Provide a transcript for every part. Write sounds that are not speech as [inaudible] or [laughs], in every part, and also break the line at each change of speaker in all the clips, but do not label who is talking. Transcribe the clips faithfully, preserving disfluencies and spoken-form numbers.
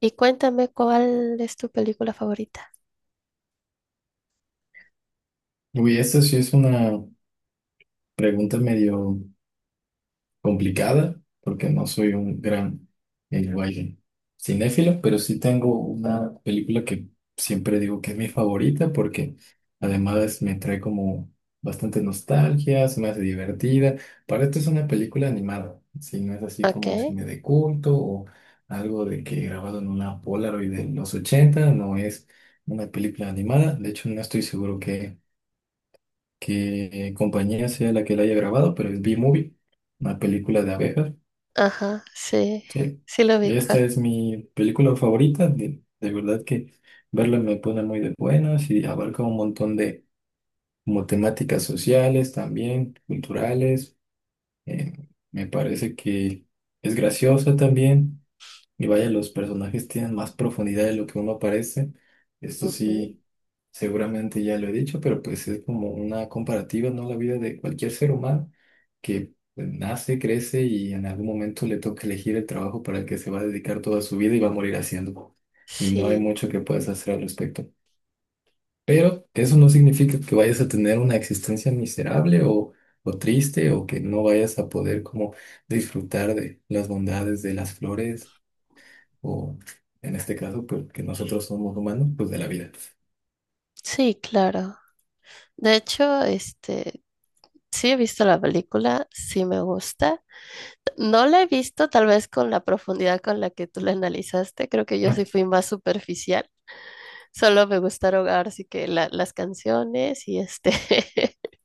Y cuéntame cuál es tu película favorita.
Uy, esta sí es una pregunta medio complicada, porque no soy un gran eh, vaya, cinéfilo, pero sí tengo una película que siempre digo que es mi favorita, porque además me trae como bastante nostalgia, se me hace divertida. Para esto es una película animada, si no es así
Ok.
como cine de culto o algo de que grabado en una Polaroid de los ochenta no es una película animada. De hecho, no estoy seguro qué compañía sea la que la haya grabado, pero es B-Movie, una película de abejas.
Ajá, sí,
Sí.
sí lo
Esta
ubica.
es mi película favorita, de, de verdad que verla me pone muy de buenas y abarca un montón de como temáticas sociales también, culturales. eh, Me parece que es graciosa también. Y vaya, los personajes tienen más profundidad de lo que uno parece. Esto
Ujú.
sí, seguramente ya lo he dicho, pero pues es como una comparativa, ¿no? La vida de cualquier ser humano que pues, nace, crece y en algún momento le toca elegir el trabajo para el que se va a dedicar toda su vida y va a morir haciendo. Y no hay
Sí,
mucho que puedas hacer al respecto. Pero eso no significa que vayas a tener una existencia miserable o, o triste o que no vayas a poder como disfrutar de las bondades de las flores o en este caso, pues que nosotros somos humanos, pues de la vida.
sí, claro. De hecho, este, sí he visto la película, sí me gusta. No la he visto tal vez con la profundidad con la que tú la analizaste, creo que yo
Ah,
sí fui más superficial. Solo me gustaron ahora sí que la- las canciones y este [laughs]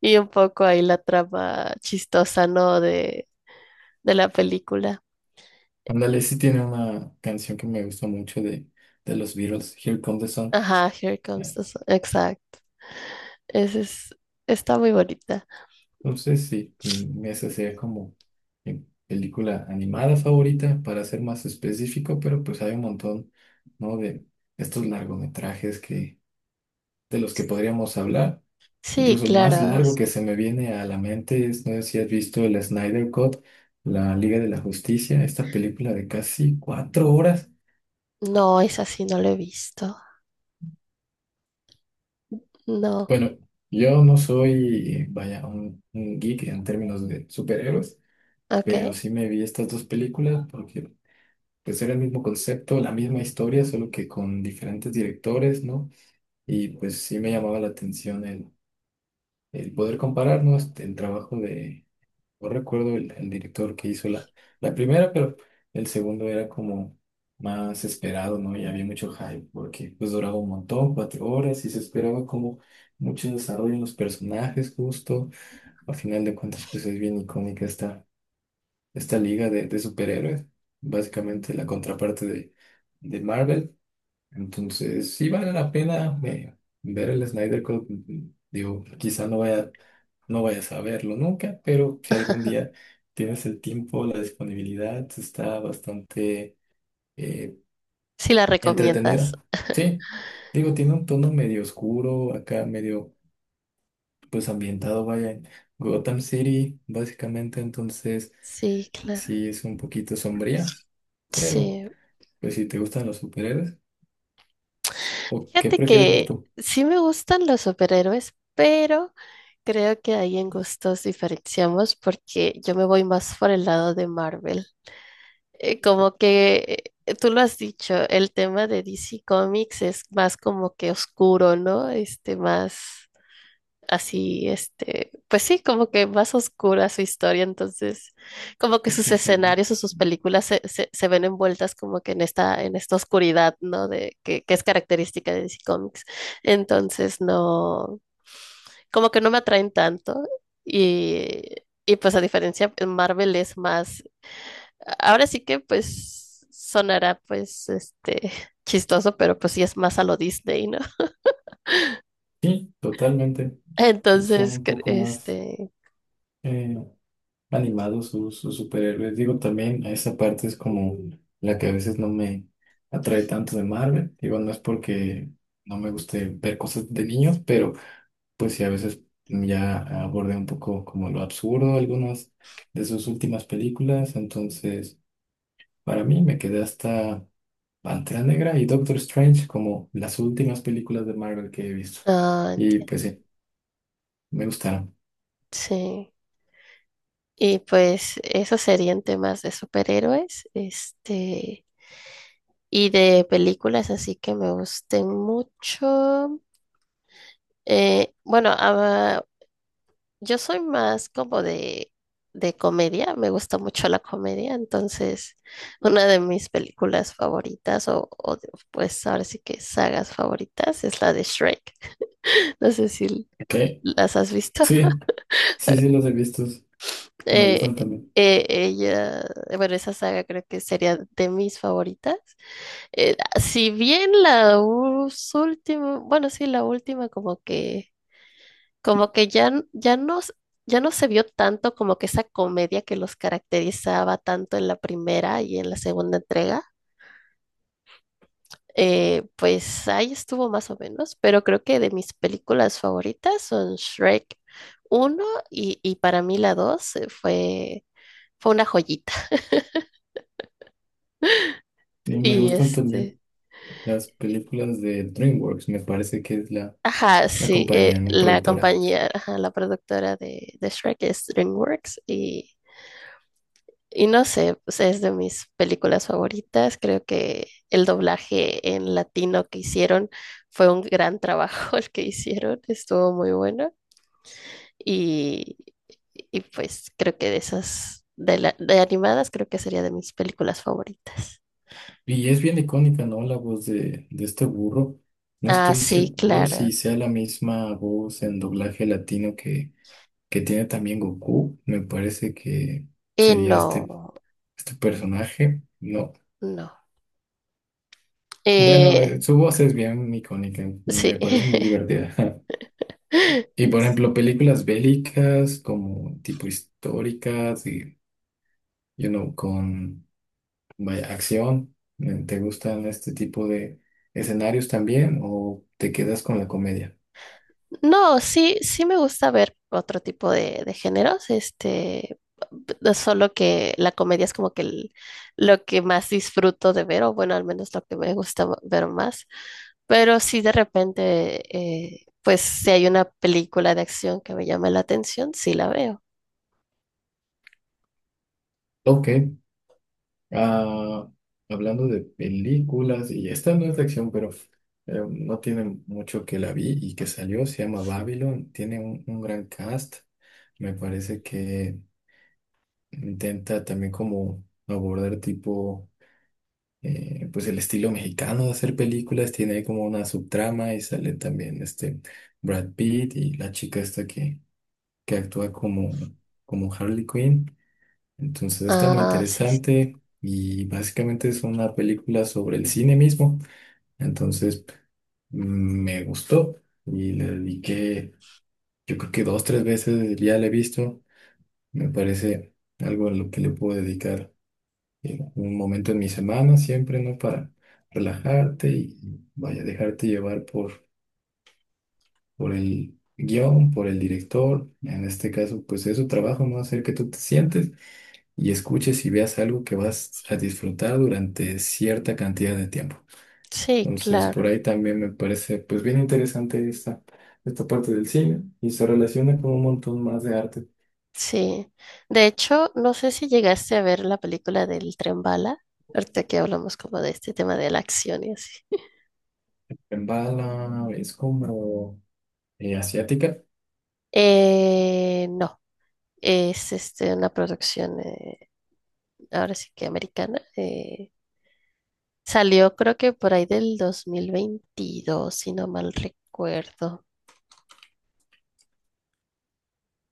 y un poco ahí la trama chistosa, ¿no? de de la película.
ándale, sí tiene una canción que me gusta mucho de, de los Beatles, Here Comes the Sun.
Ajá, Here Comes
Eh,
the Sun. Exacto. Ese es, está muy bonita.
Entonces, sí, mm, esa sería como mi película animada favorita, para ser más específico, pero pues hay un montón, ¿no? De estos largometrajes que, de los que podríamos hablar.
Sí,
Incluso el más
claro.
largo
Es...
que se me viene a la mente es, no sé si has visto el Snyder Cut, la Liga de la Justicia, esta película de casi cuatro horas.
No, esa sí no la he visto. No.
Bueno, yo no soy, vaya, un, un geek en términos de superhéroes, pero
Ok.
sí me vi estas dos películas porque pues era el mismo concepto, la misma historia, solo que con diferentes directores, ¿no? Y pues sí me llamaba la atención el, el poder comparar, ¿no? Este, el trabajo de no recuerdo el, el director que hizo la, la primera, pero el segundo era como más esperado, ¿no? Y había mucho hype porque pues duraba un montón, cuatro horas, y se esperaba como mucho desarrollo en los personajes justo. A final de cuentas, pues es bien icónica esta, esta liga de, de superhéroes, básicamente la contraparte de, de Marvel. Entonces, sí vale la pena eh, ver el Snyder Cut. Digo, quizá no vaya, no vayas a verlo nunca, pero si algún día
[laughs]
tienes el tiempo, la disponibilidad, está bastante eh,
Sí la recomiendas.
entretenida. Sí, digo, tiene un tono medio oscuro, acá medio pues ambientado, vaya, en Gotham City, básicamente. Entonces,
Sí, claro.
sí es un poquito sombría, pero
Sí.
pues si te gustan los superhéroes, ¿o qué
Fíjate
prefieres ver
que
tú?
sí me gustan los superhéroes, pero creo que ahí en gustos diferenciamos porque yo me voy más por el lado de Marvel. Eh, como que eh, tú lo has dicho, el tema de D C Comics es más como que oscuro, ¿no? Este, más así, este, pues sí, como que más oscura su historia. Entonces, como que
En
sus
general.
escenarios o sus películas se, se, se ven envueltas como que en esta, en esta oscuridad, ¿no? De, que, que es característica de D C Comics. Entonces, no, como que no me atraen tanto y... Y pues a diferencia, Marvel es más ahora sí que pues sonará pues este [laughs] chistoso, pero pues sí es más a lo Disney, ¿no? [laughs]
Sí, totalmente. Son
Entonces,
un
que-
poco más
este,
eh, animados sus, sus superhéroes. Digo, también esa parte es como la que a veces no me atrae tanto de Marvel. Digo, no es porque no me guste ver cosas de niños, pero pues sí, a veces ya abordé un poco como lo absurdo algunas de sus últimas películas. Entonces, para mí me quedé hasta Pantera Negra y Doctor Strange como las últimas películas de Marvel que he visto.
ah,
Y
entiendo,
pues sí, me gustaron.
sí. Y pues esos serían temas de superhéroes, este, y de películas así que me gusten mucho. Eh, bueno, ah, Yo soy más como de, de comedia, me gusta mucho la comedia. Entonces, una de mis películas favoritas o, o de- pues ahora sí que sagas favoritas es la de Shrek. [laughs] No sé si
Ok,
las has visto.
sí,
[laughs]
sí, sí, los he visto. Me
Eh,
gustan también.
eh, ella, bueno, esa saga creo que sería de mis favoritas. Eh, si bien la última, bueno, sí, la última como que... Como que ya, n- ya no, s- ya no se vio tanto como que esa comedia que los caracterizaba tanto en la primera y en la segunda entrega. Eh, pues ahí estuvo más o menos, pero creo que de mis películas favoritas son Shrek uno y, y para mí la dos eh, fue, fue una joyita. [laughs]
Sí, me
Y
gustan
este,
también las películas de DreamWorks. Me parece que es la,
ajá,
la
sí, eh,
compañía, no
la
productora.
compañía, ajá, la productora de, de Shrek es DreamWorks. y Y no sé, o sea, es de mis películas favoritas. Creo que el doblaje en latino que hicieron fue un gran trabajo [laughs] el que hicieron, estuvo muy bueno. Y, y pues creo que de esas, de, la- de animadas, creo que sería de mis películas favoritas.
Y es bien icónica, ¿no? La voz de, de este burro. No
Ah,
estoy
sí,
seguro
claro.
si sea la misma voz en doblaje latino que, que tiene también Goku. Me parece que
Eh,
sería este,
no,
este personaje. No.
no.
Bueno, eh,
Eh,
su voz es bien icónica.
sí.
Me parece muy divertida. [laughs] Y
[laughs]
por ejemplo, películas bélicas como tipo históricas y, you know, con vaya, acción, eh, ¿te gustan este tipo de escenarios también o te quedas con la comedia?
No, sí, sí me gusta ver otro tipo de, de géneros. Este, p- solo que la comedia es como que el- lo que más disfruto de ver, o bueno, al menos lo que me gusta ma- ver más. Pero sí de repente, eh, pues si hay una película de acción que me llame la atención, sí la veo.
Ok, ah, hablando de películas, y esta no es de acción, pero eh, no tiene mucho que la vi y que salió, se llama Babylon, tiene un, un gran cast, me parece que intenta también como abordar tipo eh, pues el estilo mexicano de hacer películas tiene como una subtrama y sale también este Brad Pitt y la chica esta que, que actúa como, como Harley Quinn. Entonces está muy
Ah, sí, sí,
interesante y básicamente es una película sobre el cine mismo. Entonces mm, me gustó y le dediqué, yo creo que dos, tres veces ya la he visto. Me parece algo a lo que le puedo dedicar eh, un momento en mi semana siempre, ¿no? Para relajarte y, vaya, dejarte llevar por, por el guión, por el director. En este caso, pues es su trabajo, ¿no? Hacer que tú te sientes y escuches y veas algo que vas a disfrutar durante cierta cantidad de tiempo.
sí,
Entonces, por
claro,
ahí también me parece, pues, bien interesante esta, esta parte del cine y se relaciona con un montón más de arte.
sí. De hecho, no sé si llegaste a ver la película del Tren Bala, ahorita que hablamos como de este tema de la acción y así.
En bala es como eh, asiática.
Eh, no. Es este, una producción, eh, ahora sí que americana. Eh, salió creo que por ahí del dos mil veintidós si no mal recuerdo.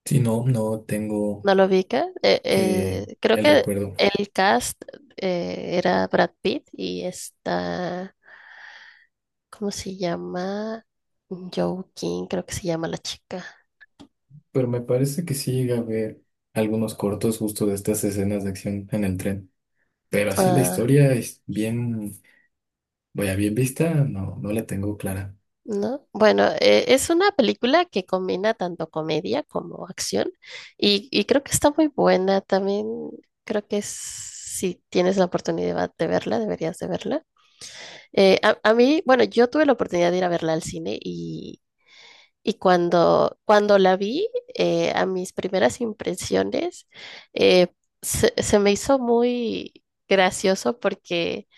Si no, no tengo
¿No lo ubica? Eh,
eh,
eh, creo
el
que
recuerdo.
el cast eh, era Brad Pitt y está, ¿cómo se llama? Joaquin, creo que se llama la chica.
Pero me parece que sí llega a ver algunos cortos justo de estas escenas de acción en el tren. Pero así la
Ah.
historia es bien, vaya, bien vista, no, no la tengo clara.
¿No? Bueno, eh, es una película que combina tanto comedia como acción y, y creo que está muy buena. También creo que es- si tienes la oportunidad de verla, deberías de verla. Eh, a, a mí, bueno, yo tuve la oportunidad de ir a verla al cine y, y cuando, cuando la vi, eh, a mis primeras impresiones, eh, se, se me hizo muy gracioso porque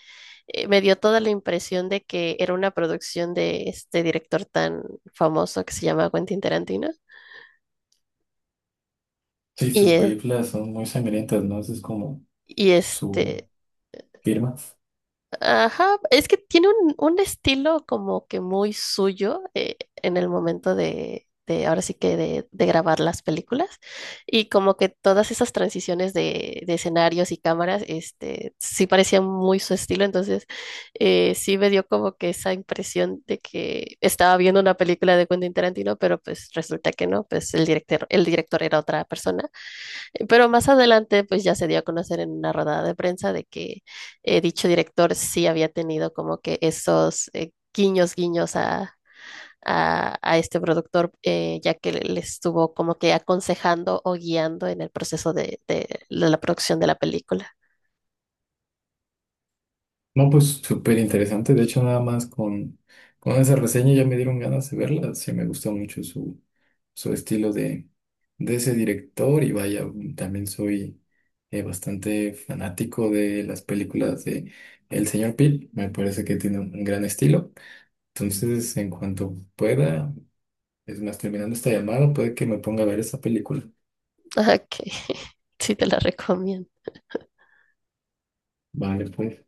eh, me dio toda la impresión de que era una producción de este director tan famoso que se llama Quentin Tarantino.
Sí,
Y,
sus
eh,
películas son muy sangrientas, ¿no? Esa es como
y
su
este,
firma.
Ajá, es que tiene un, un estilo como que muy suyo eh, en el momento de, de ahora sí que de, de grabar las películas y como que todas esas transiciones de, de escenarios y cámaras. Este, sí parecía muy su estilo, entonces eh, sí me dio como que esa impresión de que estaba viendo una película de Quentin Tarantino, pero pues resulta que no, pues el director, el director era otra persona, pero más adelante, pues ya se dio a conocer en una rodada de prensa de que eh, dicho director sí había tenido como que esos eh, guiños, guiños a, a, a este productor, eh, ya que le le estuvo como que aconsejando o guiando en el proceso de, de la producción de la película.
No, pues súper interesante. De hecho, nada más con, con esa reseña ya me dieron ganas de verla. Sí, me gustó mucho su, su estilo de, de ese director. Y vaya, también soy eh, bastante fanático de las películas de El Señor Pil. Me parece que tiene un gran estilo. Entonces, en cuanto pueda, es más, terminando esta llamada, puede que me ponga a ver esa película.
[laughs] Ok, [laughs] sí te la recomiendo.
Vale, pues.